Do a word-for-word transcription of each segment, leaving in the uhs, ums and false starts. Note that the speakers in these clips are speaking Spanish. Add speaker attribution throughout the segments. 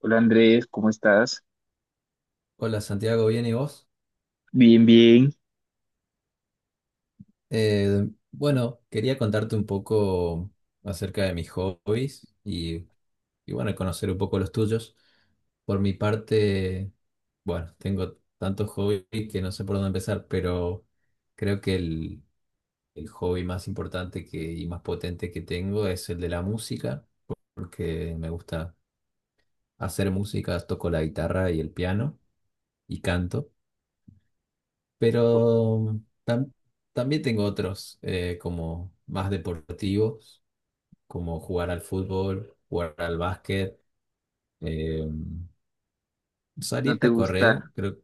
Speaker 1: Hola Andrés, ¿cómo estás?
Speaker 2: Hola Santiago, ¿bien y vos?
Speaker 1: Bien, bien.
Speaker 2: Eh, bueno, quería contarte un poco acerca de mis hobbies y, y bueno, conocer un poco los tuyos. Por mi parte, bueno, tengo tantos hobbies que no sé por dónde empezar, pero creo que el, el hobby más importante que, y más potente que tengo es el de la música, porque me gusta hacer música, toco la guitarra y el piano y canto. Pero tam- También tengo otros eh, como más deportivos, como jugar al fútbol, jugar al básquet, eh,
Speaker 1: ¿No
Speaker 2: salir
Speaker 1: te
Speaker 2: a correr.
Speaker 1: gusta,
Speaker 2: Creo,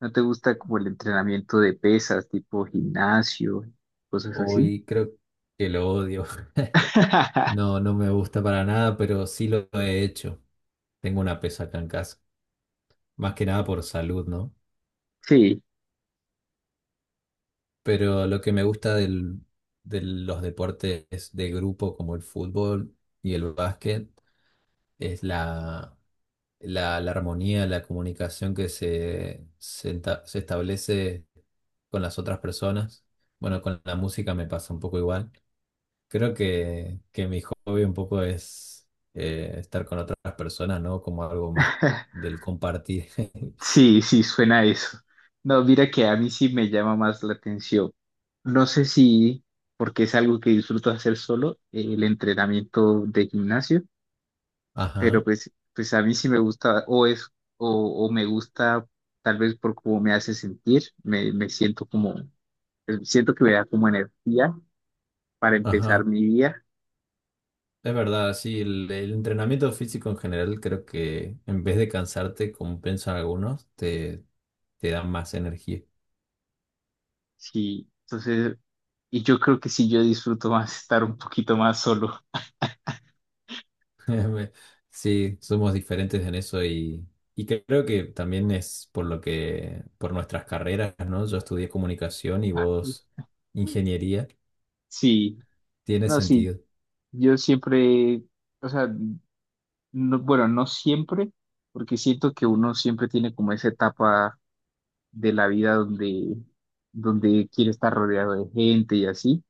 Speaker 1: no te gusta como el entrenamiento de pesas, tipo gimnasio, cosas así?
Speaker 2: Hoy creo que lo odio. No, no me gusta para nada, pero sí lo he hecho. Tengo una pesa acá en casa, más que nada por salud, ¿no?
Speaker 1: Sí,
Speaker 2: Pero lo que me gusta del, de los deportes de grupo como el fútbol y el básquet es la la, la armonía, la comunicación que se, se, enta- se establece con las otras personas. Bueno, con la música me pasa un poco igual. Creo que, que mi hobby un poco es eh, estar con otras personas, ¿no? Como algo más del compartir.
Speaker 1: sí, sí, suena a eso. No, mira que a mí sí me llama más la atención. No sé si, porque es algo que disfruto hacer solo, el entrenamiento de gimnasio, pero
Speaker 2: Ajá,
Speaker 1: pues, pues a mí sí me gusta, o es, o, o me gusta tal vez por cómo me hace sentir, me, me siento como. Eh, Siento que me da como energía para empezar
Speaker 2: ajá.
Speaker 1: mi día.
Speaker 2: Es verdad, sí, el, el entrenamiento físico en general creo que en vez de cansarte, como piensan algunos, te, te da más energía.
Speaker 1: Sí, entonces, y yo creo que sí, yo disfruto más estar un poquito más solo.
Speaker 2: Sí, somos diferentes en eso y, y creo que también es por lo que, por nuestras carreras, ¿no? Yo estudié comunicación y vos ingeniería,
Speaker 1: Sí,
Speaker 2: tiene
Speaker 1: no, sí,
Speaker 2: sentido.
Speaker 1: yo siempre, o sea, no- bueno, no siempre, porque siento que uno siempre tiene como esa etapa de la vida donde, donde quiere estar rodeado de gente y así,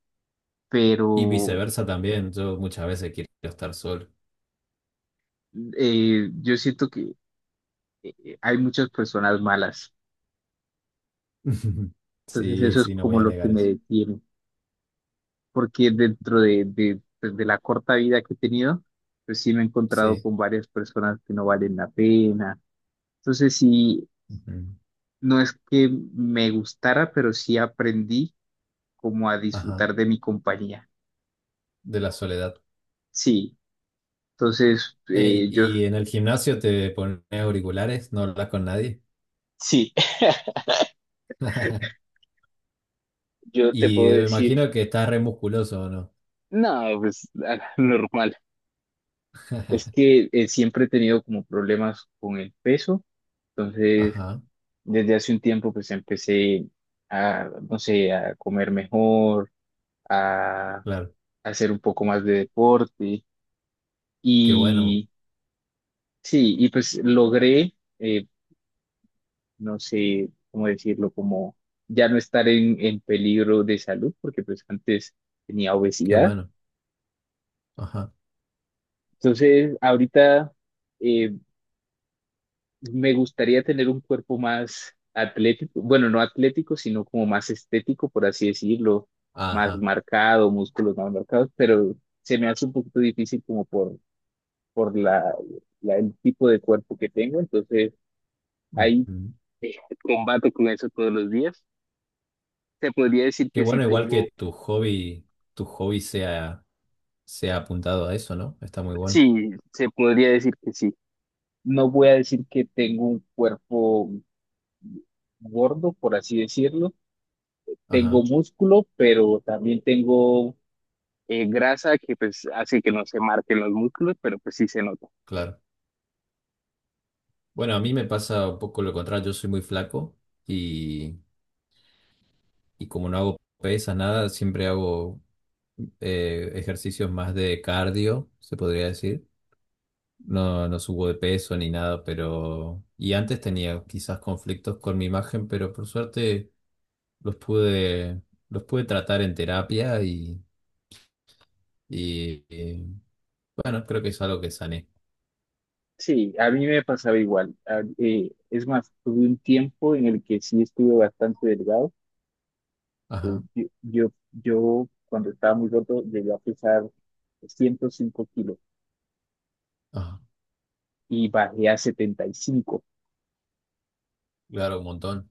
Speaker 2: Y
Speaker 1: pero
Speaker 2: viceversa también, yo muchas veces quiero estar solo.
Speaker 1: eh, yo siento que eh, hay muchas personas malas, entonces
Speaker 2: Sí,
Speaker 1: eso es
Speaker 2: sí, no voy
Speaker 1: como
Speaker 2: a
Speaker 1: lo que
Speaker 2: negar
Speaker 1: me
Speaker 2: eso.
Speaker 1: detiene. Porque dentro de, de, pues, de la corta vida que he tenido, pues sí me he encontrado
Speaker 2: Sí.
Speaker 1: con varias personas que no valen la pena. Entonces sí,
Speaker 2: Ujú.
Speaker 1: no es que me gustara, pero sí aprendí como a
Speaker 2: Ajá,
Speaker 1: disfrutar de mi compañía.
Speaker 2: de la soledad.
Speaker 1: Sí, entonces
Speaker 2: Ey,
Speaker 1: eh, yo
Speaker 2: ¿y en el gimnasio te pones auriculares? ¿No hablas con nadie?
Speaker 1: sí, yo te
Speaker 2: Y
Speaker 1: puedo
Speaker 2: me
Speaker 1: decir,
Speaker 2: imagino que estás re musculoso, ¿o no?
Speaker 1: no, pues normal. Es que eh, siempre he tenido como problemas con el peso, entonces...
Speaker 2: Ajá,
Speaker 1: Desde hace un tiempo pues empecé a, no sé, a comer mejor, a, a
Speaker 2: claro.
Speaker 1: hacer un poco más de deporte
Speaker 2: Qué bueno.
Speaker 1: y sí, y pues logré, eh, no sé cómo decirlo, como ya no estar en, en peligro de salud porque pues antes tenía
Speaker 2: Qué
Speaker 1: obesidad.
Speaker 2: bueno. Ajá.
Speaker 1: Entonces ahorita, eh, Me gustaría tener un cuerpo más atlético, bueno, no atlético, sino como más estético, por así decirlo, más
Speaker 2: Ajá.
Speaker 1: marcado, músculos más marcados, pero se me hace un poquito difícil como por, por la, la- el tipo de cuerpo que tengo, entonces ahí
Speaker 2: Ujú.
Speaker 1: eh, combato con eso todos los días. Se podría decir
Speaker 2: Qué
Speaker 1: que sí
Speaker 2: bueno, igual
Speaker 1: tengo,
Speaker 2: que tu hobby, tu hobby sea, sea apuntado a eso, ¿no? Está muy bueno.
Speaker 1: sí, se podría decir que sí. No voy a decir que tengo un cuerpo gordo, por así decirlo. Tengo
Speaker 2: Ajá,
Speaker 1: músculo, pero también tengo eh, grasa que pues hace que no se marquen los músculos, pero pues sí se nota.
Speaker 2: claro. Bueno, a mí me pasa un poco lo contrario, yo soy muy flaco y, y como no hago pesas, nada, siempre hago eh, ejercicios más de cardio, se podría decir. No, no subo de peso ni nada, pero... Y antes tenía quizás conflictos con mi imagen, pero por suerte los pude, los pude tratar en terapia y Y eh, bueno, creo que es algo que sané.
Speaker 1: Sí, a mí me pasaba igual. A- eh, es más, tuve un tiempo en el que sí estuve bastante delgado. Eh,
Speaker 2: Ajá,
Speaker 1: yo, yo, yo, cuando estaba muy roto llegué a pesar ciento cinco kilos
Speaker 2: ajá,
Speaker 1: y bajé a setenta y cinco,
Speaker 2: claro, un montón.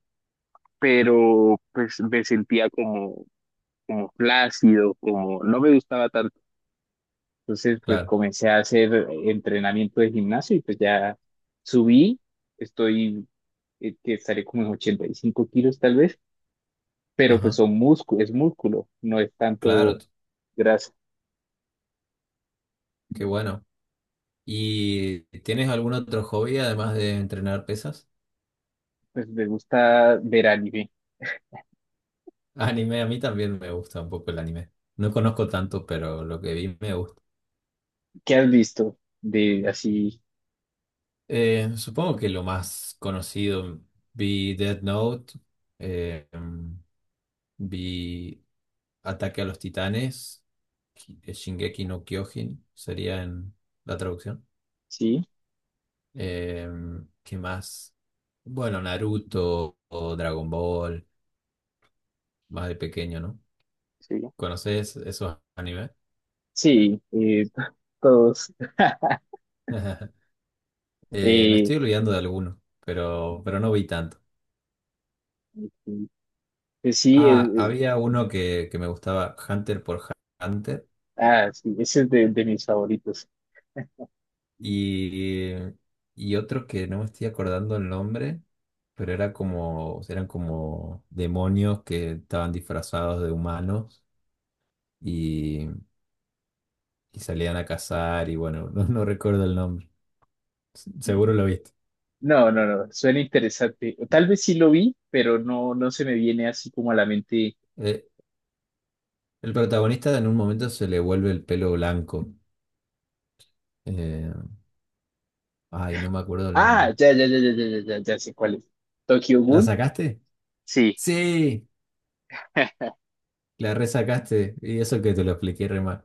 Speaker 1: pero pues me sentía como, como flácido, como no me gustaba tanto. Entonces, pues
Speaker 2: Claro,
Speaker 1: comencé a hacer entrenamiento de gimnasio y pues ya subí, estoy, eh, que estaré como en ochenta y cinco kilos tal vez, pero pues
Speaker 2: ajá,
Speaker 1: son músculo, es músculo, no es
Speaker 2: claro,
Speaker 1: tanto
Speaker 2: t-
Speaker 1: grasa.
Speaker 2: qué bueno. ¿Y tienes algún otro hobby además de entrenar pesas?
Speaker 1: Pues me gusta ver anime.
Speaker 2: Anime, a mí también me gusta un poco el anime. No conozco tanto, pero lo que vi me gusta.
Speaker 1: ¿Qué has visto de así?
Speaker 2: Eh, supongo que lo más conocido vi Death Note, eh, mm, vi Ataque a los Titanes, Ki- eh, Shingeki no Kyojin, sería en la traducción.
Speaker 1: Sí,
Speaker 2: Eh, ¿qué más? Bueno, Naruto o Dragon Ball, más de pequeño, ¿no?
Speaker 1: sí,
Speaker 2: ¿Conoces esos animes?
Speaker 1: sí, eh, todos.
Speaker 2: Eh, me
Speaker 1: Eh,
Speaker 2: estoy olvidando de alguno, pero, pero no vi tanto.
Speaker 1: pues sí, eh,
Speaker 2: Ah,
Speaker 1: eh,
Speaker 2: había uno que, que me gustaba, Hunter por Hunter,
Speaker 1: ah, sí, ese es de, de mis favoritos.
Speaker 2: y, y otro que no me estoy acordando el nombre, pero era como, eran como demonios que estaban disfrazados de humanos y, y salían a cazar, y bueno, no no recuerdo el nombre. Seguro lo viste.
Speaker 1: No, no, no, suena interesante. Tal vez sí lo vi, pero no, no se me viene así como a la mente.
Speaker 2: Eh, el protagonista en un momento se le vuelve el pelo blanco. Eh, ay, no me acuerdo el
Speaker 1: Ah,
Speaker 2: nombre.
Speaker 1: ya, ya, ya, ya, ya, ya, ya, ya sé cuál es. Tokyo
Speaker 2: ¿La
Speaker 1: Ghoul,
Speaker 2: sacaste?
Speaker 1: sí.
Speaker 2: Sí, la resacaste. Y eso que te lo expliqué re mal.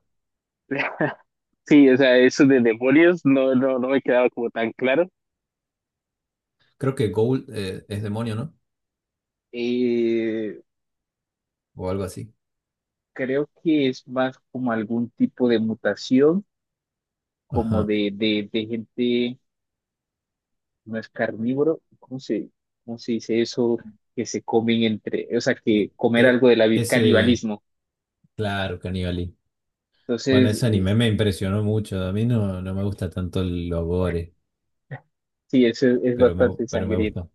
Speaker 1: Sí, o sea, eso de demonios no, no, no me quedaba como tan claro.
Speaker 2: Creo que Gold eh, es demonio, ¿no?
Speaker 1: Eh,
Speaker 2: O algo así.
Speaker 1: Creo que es más como algún tipo de mutación, como
Speaker 2: Ajá.
Speaker 1: de, de, de gente, no es carnívoro, ¿cómo se, cómo se dice eso? Que se comen entre, o sea, que
Speaker 2: Eh,
Speaker 1: comer
Speaker 2: eh,
Speaker 1: algo de la vi-
Speaker 2: ese,
Speaker 1: canibalismo.
Speaker 2: claro, Cannibalí. Bueno,
Speaker 1: Entonces,
Speaker 2: ese anime me impresionó mucho. A mí no, no me gusta tanto el gore,
Speaker 1: sí, eso es, es
Speaker 2: pero me, gu-
Speaker 1: bastante
Speaker 2: pero me
Speaker 1: sangriento.
Speaker 2: gustó.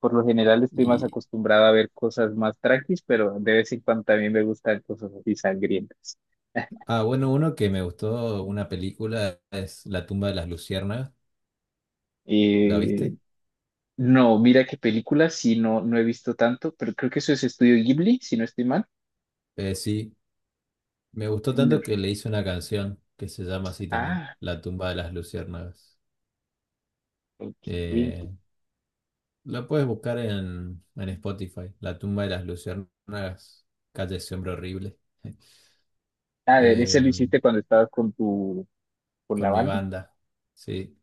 Speaker 1: Por lo general estoy más
Speaker 2: Y,
Speaker 1: acostumbrado a ver cosas más tranquis, pero de vez en cuando también me gustan cosas así sangrientas.
Speaker 2: ah, bueno, uno que me gustó, una película, es La tumba de las luciérnagas. ¿La
Speaker 1: Eh,
Speaker 2: viste?
Speaker 1: no, mira qué película, sí, no, no he visto tanto, pero creo que eso es Estudio Ghibli, si no estoy mal.
Speaker 2: Eh, sí, me gustó
Speaker 1: No.
Speaker 2: tanto que le hice una canción que se llama así también,
Speaker 1: Ah,
Speaker 2: La tumba de las luciérnagas.
Speaker 1: ok.
Speaker 2: Eh, la puedes buscar en, en Spotify, La tumba de las luciérnagas, Calle ese hombre horrible,
Speaker 1: A ver, ese lo
Speaker 2: eh,
Speaker 1: hiciste cuando estabas con tu, con la
Speaker 2: con mi
Speaker 1: banda.
Speaker 2: banda. Sí,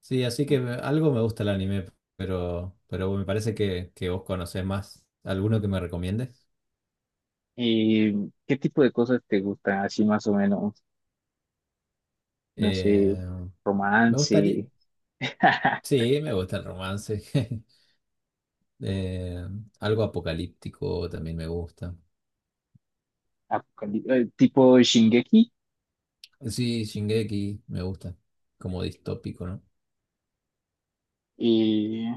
Speaker 2: sí, así que me- algo me gusta el anime, pero, pero me parece que, que vos conocés más. ¿Alguno que me recomiendes?
Speaker 1: Eh, ¿qué tipo de cosas te gustan? Así más o menos, no sé,
Speaker 2: Eh, me gustaría,
Speaker 1: romance,
Speaker 2: sí, me gusta el romance. Eh, algo apocalíptico también me gusta.
Speaker 1: apocalí- eh, tipo Shingeki.
Speaker 2: Sí, Shingeki me gusta. Como distópico, ¿no?
Speaker 1: eh,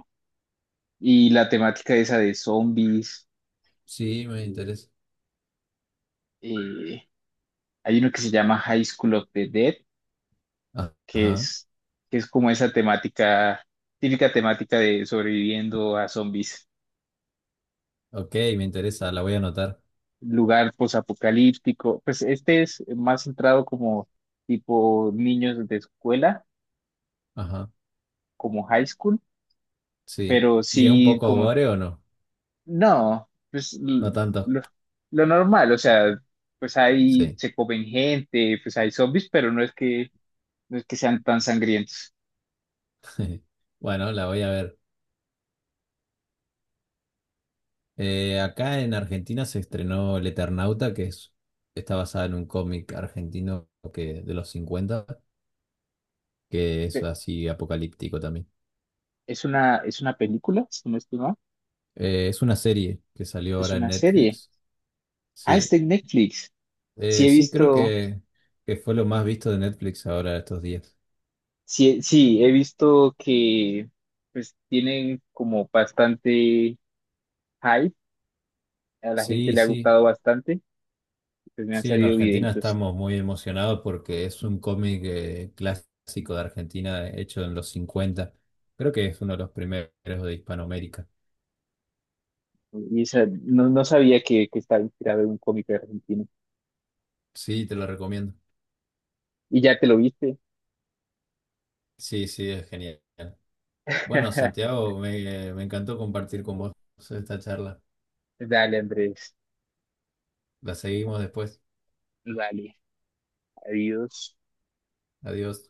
Speaker 1: y la temática esa de zombies.
Speaker 2: Sí, me Sí. interesa.
Speaker 1: eh, hay uno que se llama High School of the Dead,
Speaker 2: Ah,
Speaker 1: que
Speaker 2: ajá.
Speaker 1: es, que es como esa temática, típica temática de sobreviviendo a zombies.
Speaker 2: Ok, me interesa, la voy a anotar.
Speaker 1: Lugar posapocalíptico. Pues este es más centrado como tipo niños de escuela,
Speaker 2: Ajá,
Speaker 1: como high school,
Speaker 2: sí.
Speaker 1: pero
Speaker 2: ¿Y es un
Speaker 1: sí
Speaker 2: poco
Speaker 1: como,
Speaker 2: gore o no?
Speaker 1: no, pues l-
Speaker 2: No tanto.
Speaker 1: lo, lo normal, o sea, pues ahí
Speaker 2: Sí.
Speaker 1: se comen gente, pues hay zombies, pero no es que no es que sean tan sangrientos.
Speaker 2: Bueno, la voy a ver. Eh, acá en Argentina se estrenó El Eternauta, que es, está basada en un cómic argentino que, de los cincuenta, que es
Speaker 1: Pe-
Speaker 2: así apocalíptico también.
Speaker 1: Es una, es una película, si no estoy mal.
Speaker 2: Eh, es una serie que salió
Speaker 1: Es
Speaker 2: ahora en
Speaker 1: una serie.
Speaker 2: Netflix.
Speaker 1: Ah, está
Speaker 2: Sí,
Speaker 1: en Netflix. Sí
Speaker 2: eh,
Speaker 1: he
Speaker 2: sí, creo
Speaker 1: visto,
Speaker 2: que, que fue lo más visto de Netflix ahora estos días.
Speaker 1: sí, sí, he visto que pues tienen como bastante hype. A la gente
Speaker 2: Sí,
Speaker 1: le ha
Speaker 2: sí,
Speaker 1: gustado bastante. Pues me han
Speaker 2: sí, en
Speaker 1: salido
Speaker 2: Argentina
Speaker 1: videitos.
Speaker 2: estamos muy emocionados porque es un cómic eh, clásico de Argentina hecho en los cincuenta. Creo que es uno de los primeros de Hispanoamérica.
Speaker 1: Y esa, no, no sabía que, que estaba inspirado en un cómic argentino.
Speaker 2: Sí, te lo recomiendo.
Speaker 1: Y ya te lo viste.
Speaker 2: Sí, sí, es genial. Bueno, Santiago, me, me encantó compartir con vos esta charla.
Speaker 1: Dale, Andrés.
Speaker 2: La seguimos después.
Speaker 1: Dale. Adiós.
Speaker 2: Adiós.